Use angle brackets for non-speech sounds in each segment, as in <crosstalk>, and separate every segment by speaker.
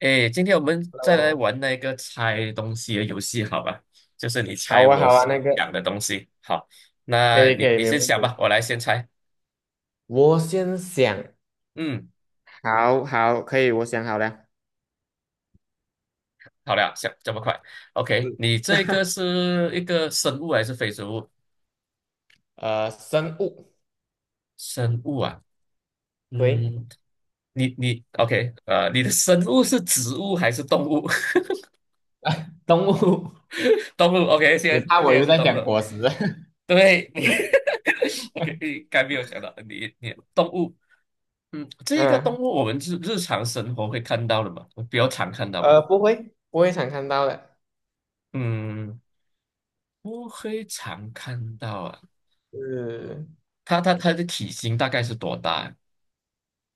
Speaker 1: 哎，今天我们再来
Speaker 2: 哦，
Speaker 1: 玩那个猜东西的游戏，好吧？就是你猜
Speaker 2: 好啊，
Speaker 1: 我
Speaker 2: 好啊，那个
Speaker 1: 想的东西。好，
Speaker 2: 可
Speaker 1: 那
Speaker 2: 以，
Speaker 1: 你
Speaker 2: 可以，
Speaker 1: 你
Speaker 2: 没
Speaker 1: 先
Speaker 2: 问
Speaker 1: 想吧，
Speaker 2: 题。
Speaker 1: 我来先猜。
Speaker 2: 我先想，
Speaker 1: 嗯，
Speaker 2: 好好，可以，我想好了。
Speaker 1: 好了，想这么快？OK，
Speaker 2: 是
Speaker 1: 你这个
Speaker 2: <laughs>
Speaker 1: 是一个生物还是非生物？
Speaker 2: 生物，
Speaker 1: 生物啊，
Speaker 2: 对，
Speaker 1: 嗯，你 OK，你的生物是植物还是动物？<laughs>
Speaker 2: 动物，
Speaker 1: 动物，OK，
Speaker 2: <laughs>
Speaker 1: 现
Speaker 2: 你
Speaker 1: 在
Speaker 2: 怕
Speaker 1: 现
Speaker 2: 我
Speaker 1: 在
Speaker 2: 又
Speaker 1: 是
Speaker 2: 在
Speaker 1: 动物。
Speaker 2: 讲果实？
Speaker 1: 对，你 <laughs> OK，你该没有想到你动物。嗯，
Speaker 2: <laughs>
Speaker 1: 这个动
Speaker 2: 嗯，
Speaker 1: 物我们日常生活会看到的嘛，比较常看到吧。
Speaker 2: 不会常看到的。
Speaker 1: 嗯，不会常看到啊。
Speaker 2: 是
Speaker 1: 它的体型大概是多大啊？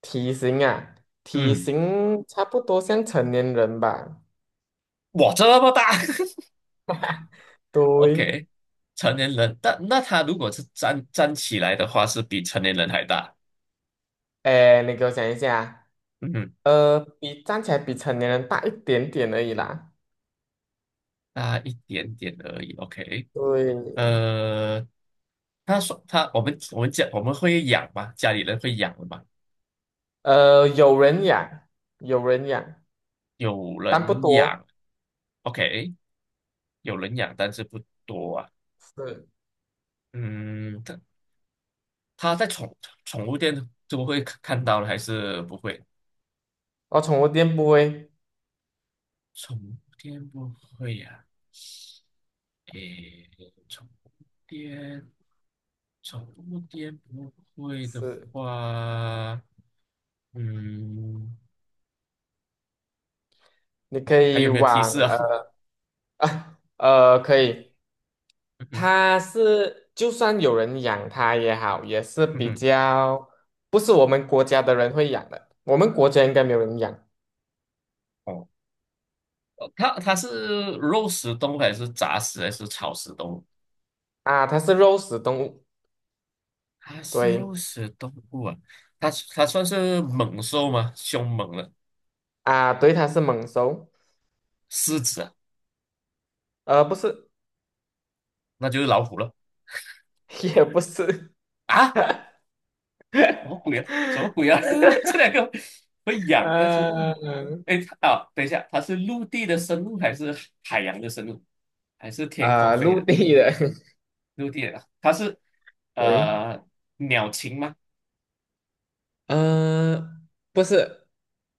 Speaker 2: 体型啊，体
Speaker 1: 嗯，
Speaker 2: 型差不多像成年人吧。
Speaker 1: 哇，这么大 <laughs>
Speaker 2: <laughs> 对，
Speaker 1: ！OK,成年人，但那它如果是站起来的话，是比成年人还大。
Speaker 2: 哎，你给我想一下啊
Speaker 1: 嗯哼，
Speaker 2: 比站起来比成年人大一点点而已啦。
Speaker 1: 大一点点而已。OK,
Speaker 2: 对，
Speaker 1: 呃，他说他我们讲我们会养吗？家里人会养的吗？
Speaker 2: 有人养，有人养，
Speaker 1: 有
Speaker 2: 但不
Speaker 1: 人
Speaker 2: 多。
Speaker 1: 养。OK。有人养，但是不多啊。
Speaker 2: 是，
Speaker 1: 嗯，它在宠物店就会看到了，还是不会？
Speaker 2: 哦，宠物店不会。
Speaker 1: 宠物店不会呀、诶，宠物店，宠物店不会的
Speaker 2: 是，
Speaker 1: 话，嗯，
Speaker 2: 你
Speaker 1: 哇，
Speaker 2: 可
Speaker 1: 还
Speaker 2: 以
Speaker 1: 有没有提
Speaker 2: 往
Speaker 1: 示啊？<laughs>
Speaker 2: 可以。
Speaker 1: 嗯哼，
Speaker 2: 它是就算有人养它也好，也是
Speaker 1: 嗯
Speaker 2: 比
Speaker 1: 哼，
Speaker 2: 较不是我们国家的人会养的。我们国家应该没有人养
Speaker 1: 哦，它是肉食动物还是杂食还是草食动物？
Speaker 2: 啊。它是肉食动物，
Speaker 1: 它是
Speaker 2: 对
Speaker 1: 肉食动物啊，它算是猛兽吗？凶猛的
Speaker 2: 啊，对，它是猛兽，
Speaker 1: 狮子啊，
Speaker 2: 不是，
Speaker 1: 那就是老虎了
Speaker 2: <laughs> 也不是，
Speaker 1: 啊！什么鬼啊？什么鬼啊？<laughs>
Speaker 2: <laughs>
Speaker 1: 这两个会痒，但是，
Speaker 2: 呃
Speaker 1: 哎，啊，等一下，它是陆地的生物还是海洋的生物，还是天空飞
Speaker 2: 陆
Speaker 1: 的？
Speaker 2: 地的，
Speaker 1: 陆地的啊，它是
Speaker 2: <laughs> 对。
Speaker 1: 呃鸟禽吗？
Speaker 2: 呃，不是，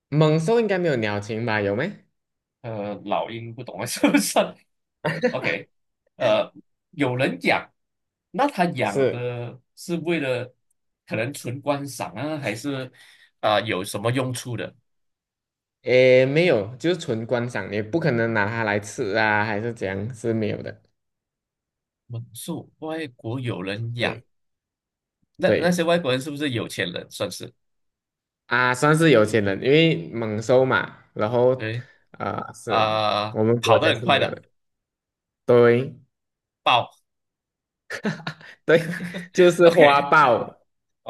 Speaker 2: 猛兽应该没有鸟禽吧？有没？
Speaker 1: 老鹰不懂啊，<laughs> 是不是？OK,呃，有人养，那他养
Speaker 2: 是
Speaker 1: 的是为了可能纯观赏啊，还是啊、有什么用处的？
Speaker 2: 诶，没有，就是纯观赏，也不可能拿它来吃啊，还是怎样，是没有的。
Speaker 1: 猛兽，外国有人养，
Speaker 2: 对，
Speaker 1: 那那
Speaker 2: 对，
Speaker 1: 些外国人是不是有钱人？算是
Speaker 2: 啊，算是有钱人，因为猛兽嘛，然后，
Speaker 1: 对
Speaker 2: 啊、是
Speaker 1: 啊、
Speaker 2: 我们国
Speaker 1: 跑得
Speaker 2: 家
Speaker 1: 很
Speaker 2: 是
Speaker 1: 快
Speaker 2: 没有
Speaker 1: 的
Speaker 2: 的。对
Speaker 1: 豹。
Speaker 2: <laughs>，对，就是花
Speaker 1: OK,
Speaker 2: 豹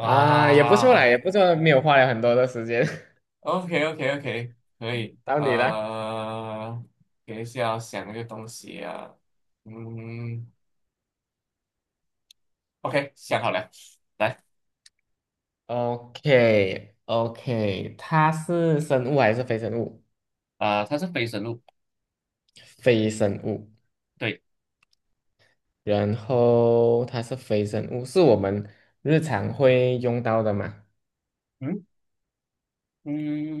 Speaker 2: 啊，也不错啦，也不错，没有花了很多的时间。<laughs>
Speaker 1: ，OK OK OK,可以，
Speaker 2: 到你了
Speaker 1: 等一下要想一个东西啊，嗯，OK,想好了，来，
Speaker 2: o k o k 它是生物还是非生物？
Speaker 1: 啊、它是非生物。
Speaker 2: 非生物，
Speaker 1: 对，
Speaker 2: 然后它是非生物，是我们日常会用到的嘛？
Speaker 1: 嗯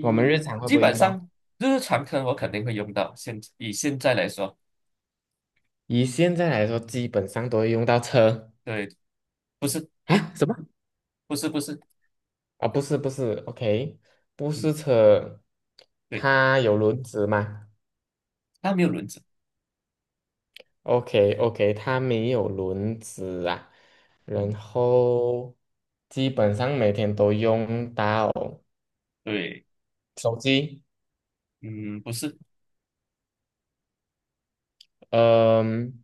Speaker 2: 我们日常会不
Speaker 1: 基
Speaker 2: 会
Speaker 1: 本
Speaker 2: 用
Speaker 1: 上
Speaker 2: 到？
Speaker 1: 日常可能我肯定会用到。以现在来说，
Speaker 2: 以现在来说，基本上都会用到车
Speaker 1: 对，不是
Speaker 2: 啊？什么？
Speaker 1: 不是不是，
Speaker 2: 啊，不是不是，OK，不是
Speaker 1: 嗯，
Speaker 2: 车，
Speaker 1: 对，
Speaker 2: 它有轮子吗
Speaker 1: 它没有轮子，
Speaker 2: ？OK OK，它没有轮子啊，然
Speaker 1: 嗯，
Speaker 2: 后基本上每天都用到
Speaker 1: 对，
Speaker 2: 手机。
Speaker 1: 嗯，不是，
Speaker 2: 嗯，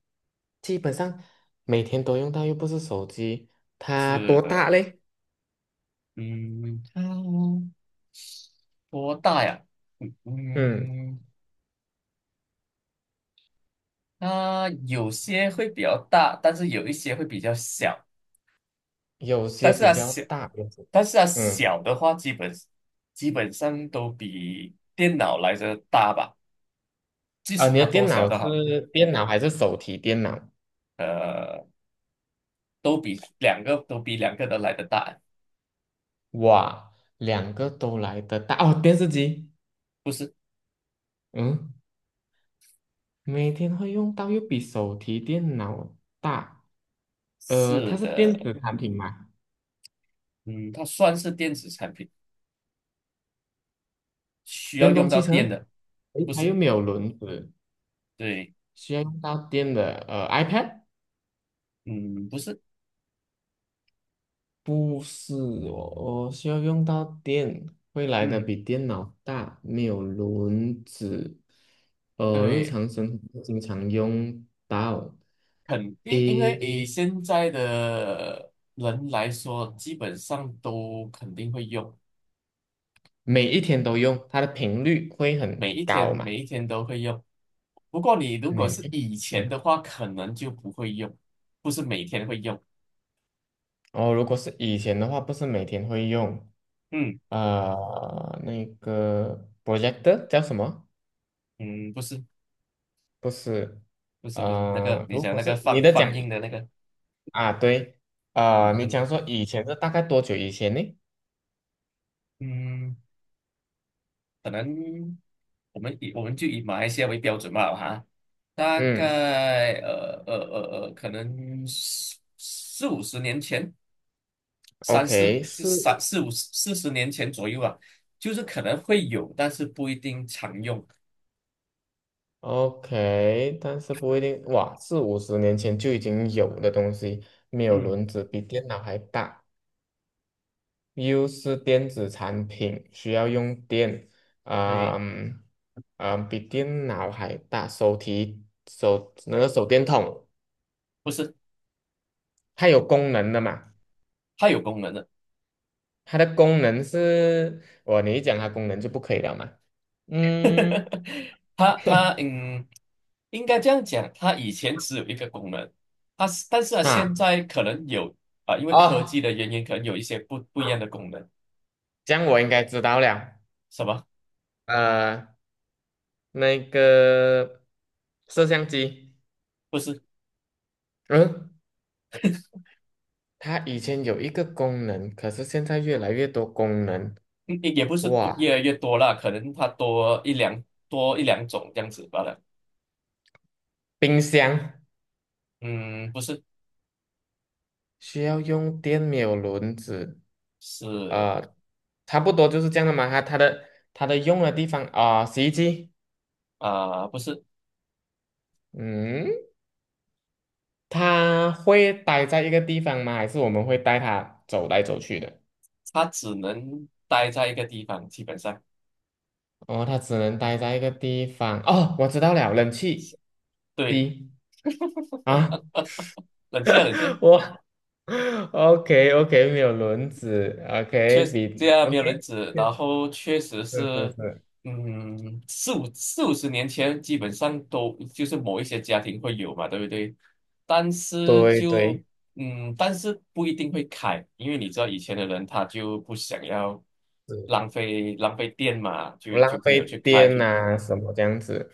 Speaker 2: 基本上每天都用到，又不是手机，它
Speaker 1: 是
Speaker 2: 多大
Speaker 1: 的，
Speaker 2: 嘞？
Speaker 1: 嗯，它多大呀？嗯
Speaker 2: 嗯，
Speaker 1: 嗯，它有些会比较大，但是有一些会比较小，
Speaker 2: 有
Speaker 1: 但
Speaker 2: 些
Speaker 1: 是
Speaker 2: 比
Speaker 1: 它
Speaker 2: 较
Speaker 1: 小，
Speaker 2: 大，有些
Speaker 1: 但是它
Speaker 2: 嗯，
Speaker 1: 小的话，基本上都比电脑来的大吧，即
Speaker 2: 啊，
Speaker 1: 使
Speaker 2: 你
Speaker 1: 它
Speaker 2: 的
Speaker 1: 多
Speaker 2: 电
Speaker 1: 小
Speaker 2: 脑
Speaker 1: 都好。
Speaker 2: 是电脑还是手提电脑？
Speaker 1: 呃，都比两个都来的大，
Speaker 2: 哇，两个都来得大哦，电视机，
Speaker 1: 不是？
Speaker 2: 嗯，每天会用到，又比手提电脑大，
Speaker 1: 是
Speaker 2: 它是电
Speaker 1: 的，
Speaker 2: 子产品嘛？
Speaker 1: 嗯，它算是电子产品，需要
Speaker 2: 电
Speaker 1: 用
Speaker 2: 动汽
Speaker 1: 到电
Speaker 2: 车，
Speaker 1: 的，
Speaker 2: 诶，
Speaker 1: 不
Speaker 2: 它
Speaker 1: 是？
Speaker 2: 又没有轮子，
Speaker 1: 对，
Speaker 2: 需要用到电的，iPad。
Speaker 1: 嗯，不是，
Speaker 2: 不是哦，我需要用到电，会来的
Speaker 1: 嗯，
Speaker 2: 比电脑大，没有轮子，日
Speaker 1: 对，
Speaker 2: 常生活经常用到，
Speaker 1: 肯定，因为以
Speaker 2: 诶，
Speaker 1: 现在的人来说，基本上都肯定会用，
Speaker 2: 每一天都用，它的频率会很
Speaker 1: 每一天
Speaker 2: 高嘛？
Speaker 1: 每一天都会用。不过你如果
Speaker 2: 每
Speaker 1: 是
Speaker 2: 一，
Speaker 1: 以前
Speaker 2: 嗯，
Speaker 1: 的话，可能就不会用，不是每天会用。
Speaker 2: 哦，如果是以前的话，不是每天会用，
Speaker 1: 嗯
Speaker 2: 那个 projector 叫什么？
Speaker 1: 嗯，不是
Speaker 2: 不是，
Speaker 1: 不是不是那个你
Speaker 2: 如
Speaker 1: 讲
Speaker 2: 果
Speaker 1: 那个
Speaker 2: 是你
Speaker 1: 放
Speaker 2: 的
Speaker 1: 放
Speaker 2: 讲
Speaker 1: 映的那个。
Speaker 2: 啊，对，
Speaker 1: <laughs>
Speaker 2: 啊、
Speaker 1: 就
Speaker 2: 你
Speaker 1: 是
Speaker 2: 讲说以前是大概多久以前呢？
Speaker 1: 嗯，可能我们以我们就以马来西亚为标准吧，哈，大
Speaker 2: 嗯
Speaker 1: 概可能四五十年前，三四
Speaker 2: ，OK，
Speaker 1: 就
Speaker 2: 是
Speaker 1: 三四五四十年前左右啊，就是可能会有，但是不一定常用。
Speaker 2: OK，但是不一定，哇，四五十年前就已经有的东西，没有
Speaker 1: 嗯，
Speaker 2: 轮子，比电脑还大，又是电子产品，需要用电，啊、
Speaker 1: 对，
Speaker 2: 比电脑还大，手提手那个手电筒，
Speaker 1: 不是，
Speaker 2: 它有功能的嘛？
Speaker 1: 它有功能的。
Speaker 2: 它的功能是，你一讲它功能就不可以了嘛？嗯。
Speaker 1: <laughs> 它它嗯，应该这样讲，它以前只有一个功能，但是啊，现
Speaker 2: 啊。
Speaker 1: 在可能有啊、因为科技
Speaker 2: 哦，
Speaker 1: 的原因，可能有一些不一样的功能，
Speaker 2: 这样我应该知道了。
Speaker 1: 什么？
Speaker 2: 呃，那个摄像机，
Speaker 1: 不是，
Speaker 2: 嗯，它以前有一个功能，可是现在越来越多功能。
Speaker 1: 嗯也不是多
Speaker 2: 哇，
Speaker 1: 越来越多啦，可能它多一两种这样子罢了。
Speaker 2: 冰箱
Speaker 1: 嗯，不是，
Speaker 2: 需要用电，没有轮子，
Speaker 1: 是
Speaker 2: 呃，差不多就是这样的嘛。它的用的地方啊，洗衣机，
Speaker 1: 啊、不是，
Speaker 2: 嗯，它会待在一个地方吗？还是我们会带它走来走去的？
Speaker 1: 它只能待在一个地方，基本上，
Speaker 2: 哦，它只能待在一个地方。哦，我知道了，冷气
Speaker 1: 对，
Speaker 2: 机啊，
Speaker 1: 冷静啊，冷静
Speaker 2: <laughs>
Speaker 1: 啊。
Speaker 2: 我 <laughs> OK OK，没有轮子
Speaker 1: 确
Speaker 2: ，OK
Speaker 1: 实这
Speaker 2: 比
Speaker 1: 样没有人
Speaker 2: OK，
Speaker 1: 指，然后确实
Speaker 2: 是是
Speaker 1: 是，
Speaker 2: 是，
Speaker 1: 嗯，四五十年前基本上都就是某一些家庭会有嘛，对不对？但是
Speaker 2: 对
Speaker 1: 就
Speaker 2: 对。
Speaker 1: 但是不一定会开，因为你知道以前的人他就不想要浪费电嘛，
Speaker 2: 不
Speaker 1: 就
Speaker 2: 浪
Speaker 1: 就没
Speaker 2: 费
Speaker 1: 有去开。
Speaker 2: 电啊，什么这样子。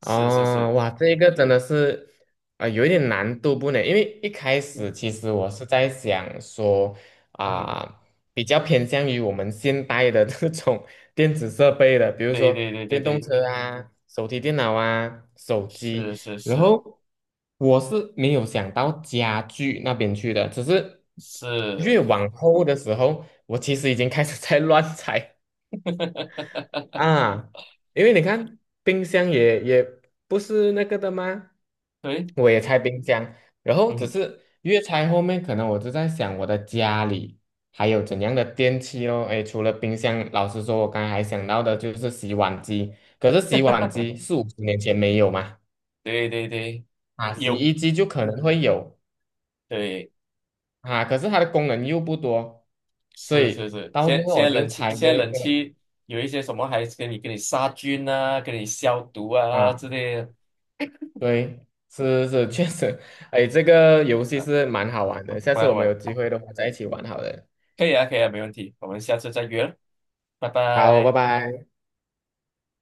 Speaker 1: 是是
Speaker 2: 哦，
Speaker 1: 是，
Speaker 2: 哇，这一个真的是，啊，有一点难度不呢？因为一开始
Speaker 1: 嗯
Speaker 2: 其实我是在想说，
Speaker 1: 嗯哼，
Speaker 2: 啊、比较偏向于我们现代的这种 <laughs> 电子设备的，比如
Speaker 1: 对
Speaker 2: 说
Speaker 1: 对对对
Speaker 2: 电动
Speaker 1: 对，
Speaker 2: 车啊、手提电脑啊、手
Speaker 1: 是
Speaker 2: 机。
Speaker 1: 是
Speaker 2: 然
Speaker 1: 是
Speaker 2: 后我是没有想到家具那边去的，只是越
Speaker 1: 是，
Speaker 2: 往后的时候，我其实已经开始在 <laughs> 乱猜
Speaker 1: <laughs>
Speaker 2: 啊，因为你看冰箱也不是那个的吗？
Speaker 1: 对，
Speaker 2: 我也拆冰箱，然后只
Speaker 1: 嗯，
Speaker 2: 是越拆后面，可能我就在想我的家里还有怎样的电器咯。诶，除了冰箱，老实说，我刚才还想到的就是洗碗机，可是洗碗机四五十年前没有嘛，
Speaker 1: <laughs> 对对对，
Speaker 2: 啊，洗
Speaker 1: 有。
Speaker 2: 衣机就可能会有
Speaker 1: 对，
Speaker 2: 啊，可是它的功能又不多，所
Speaker 1: 是是
Speaker 2: 以
Speaker 1: 是，
Speaker 2: 到最
Speaker 1: 现
Speaker 2: 后
Speaker 1: 现
Speaker 2: 我
Speaker 1: 在
Speaker 2: 就
Speaker 1: 冷气，
Speaker 2: 拆
Speaker 1: 现
Speaker 2: 这
Speaker 1: 在
Speaker 2: 一
Speaker 1: 冷
Speaker 2: 个。
Speaker 1: 气有一些什么还是给你杀菌啊，给你消毒啊之类的。
Speaker 2: 对，是是，
Speaker 1: 嗯，
Speaker 2: 确实，哎，这个游戏是蛮好玩的，下次
Speaker 1: 啊，
Speaker 2: 我们有
Speaker 1: 我
Speaker 2: 机
Speaker 1: 我
Speaker 2: 会的话再一起玩好了。
Speaker 1: 可以啊，可以啊，没问题，我们下次再约了，拜
Speaker 2: 好，拜
Speaker 1: 拜。
Speaker 2: 拜。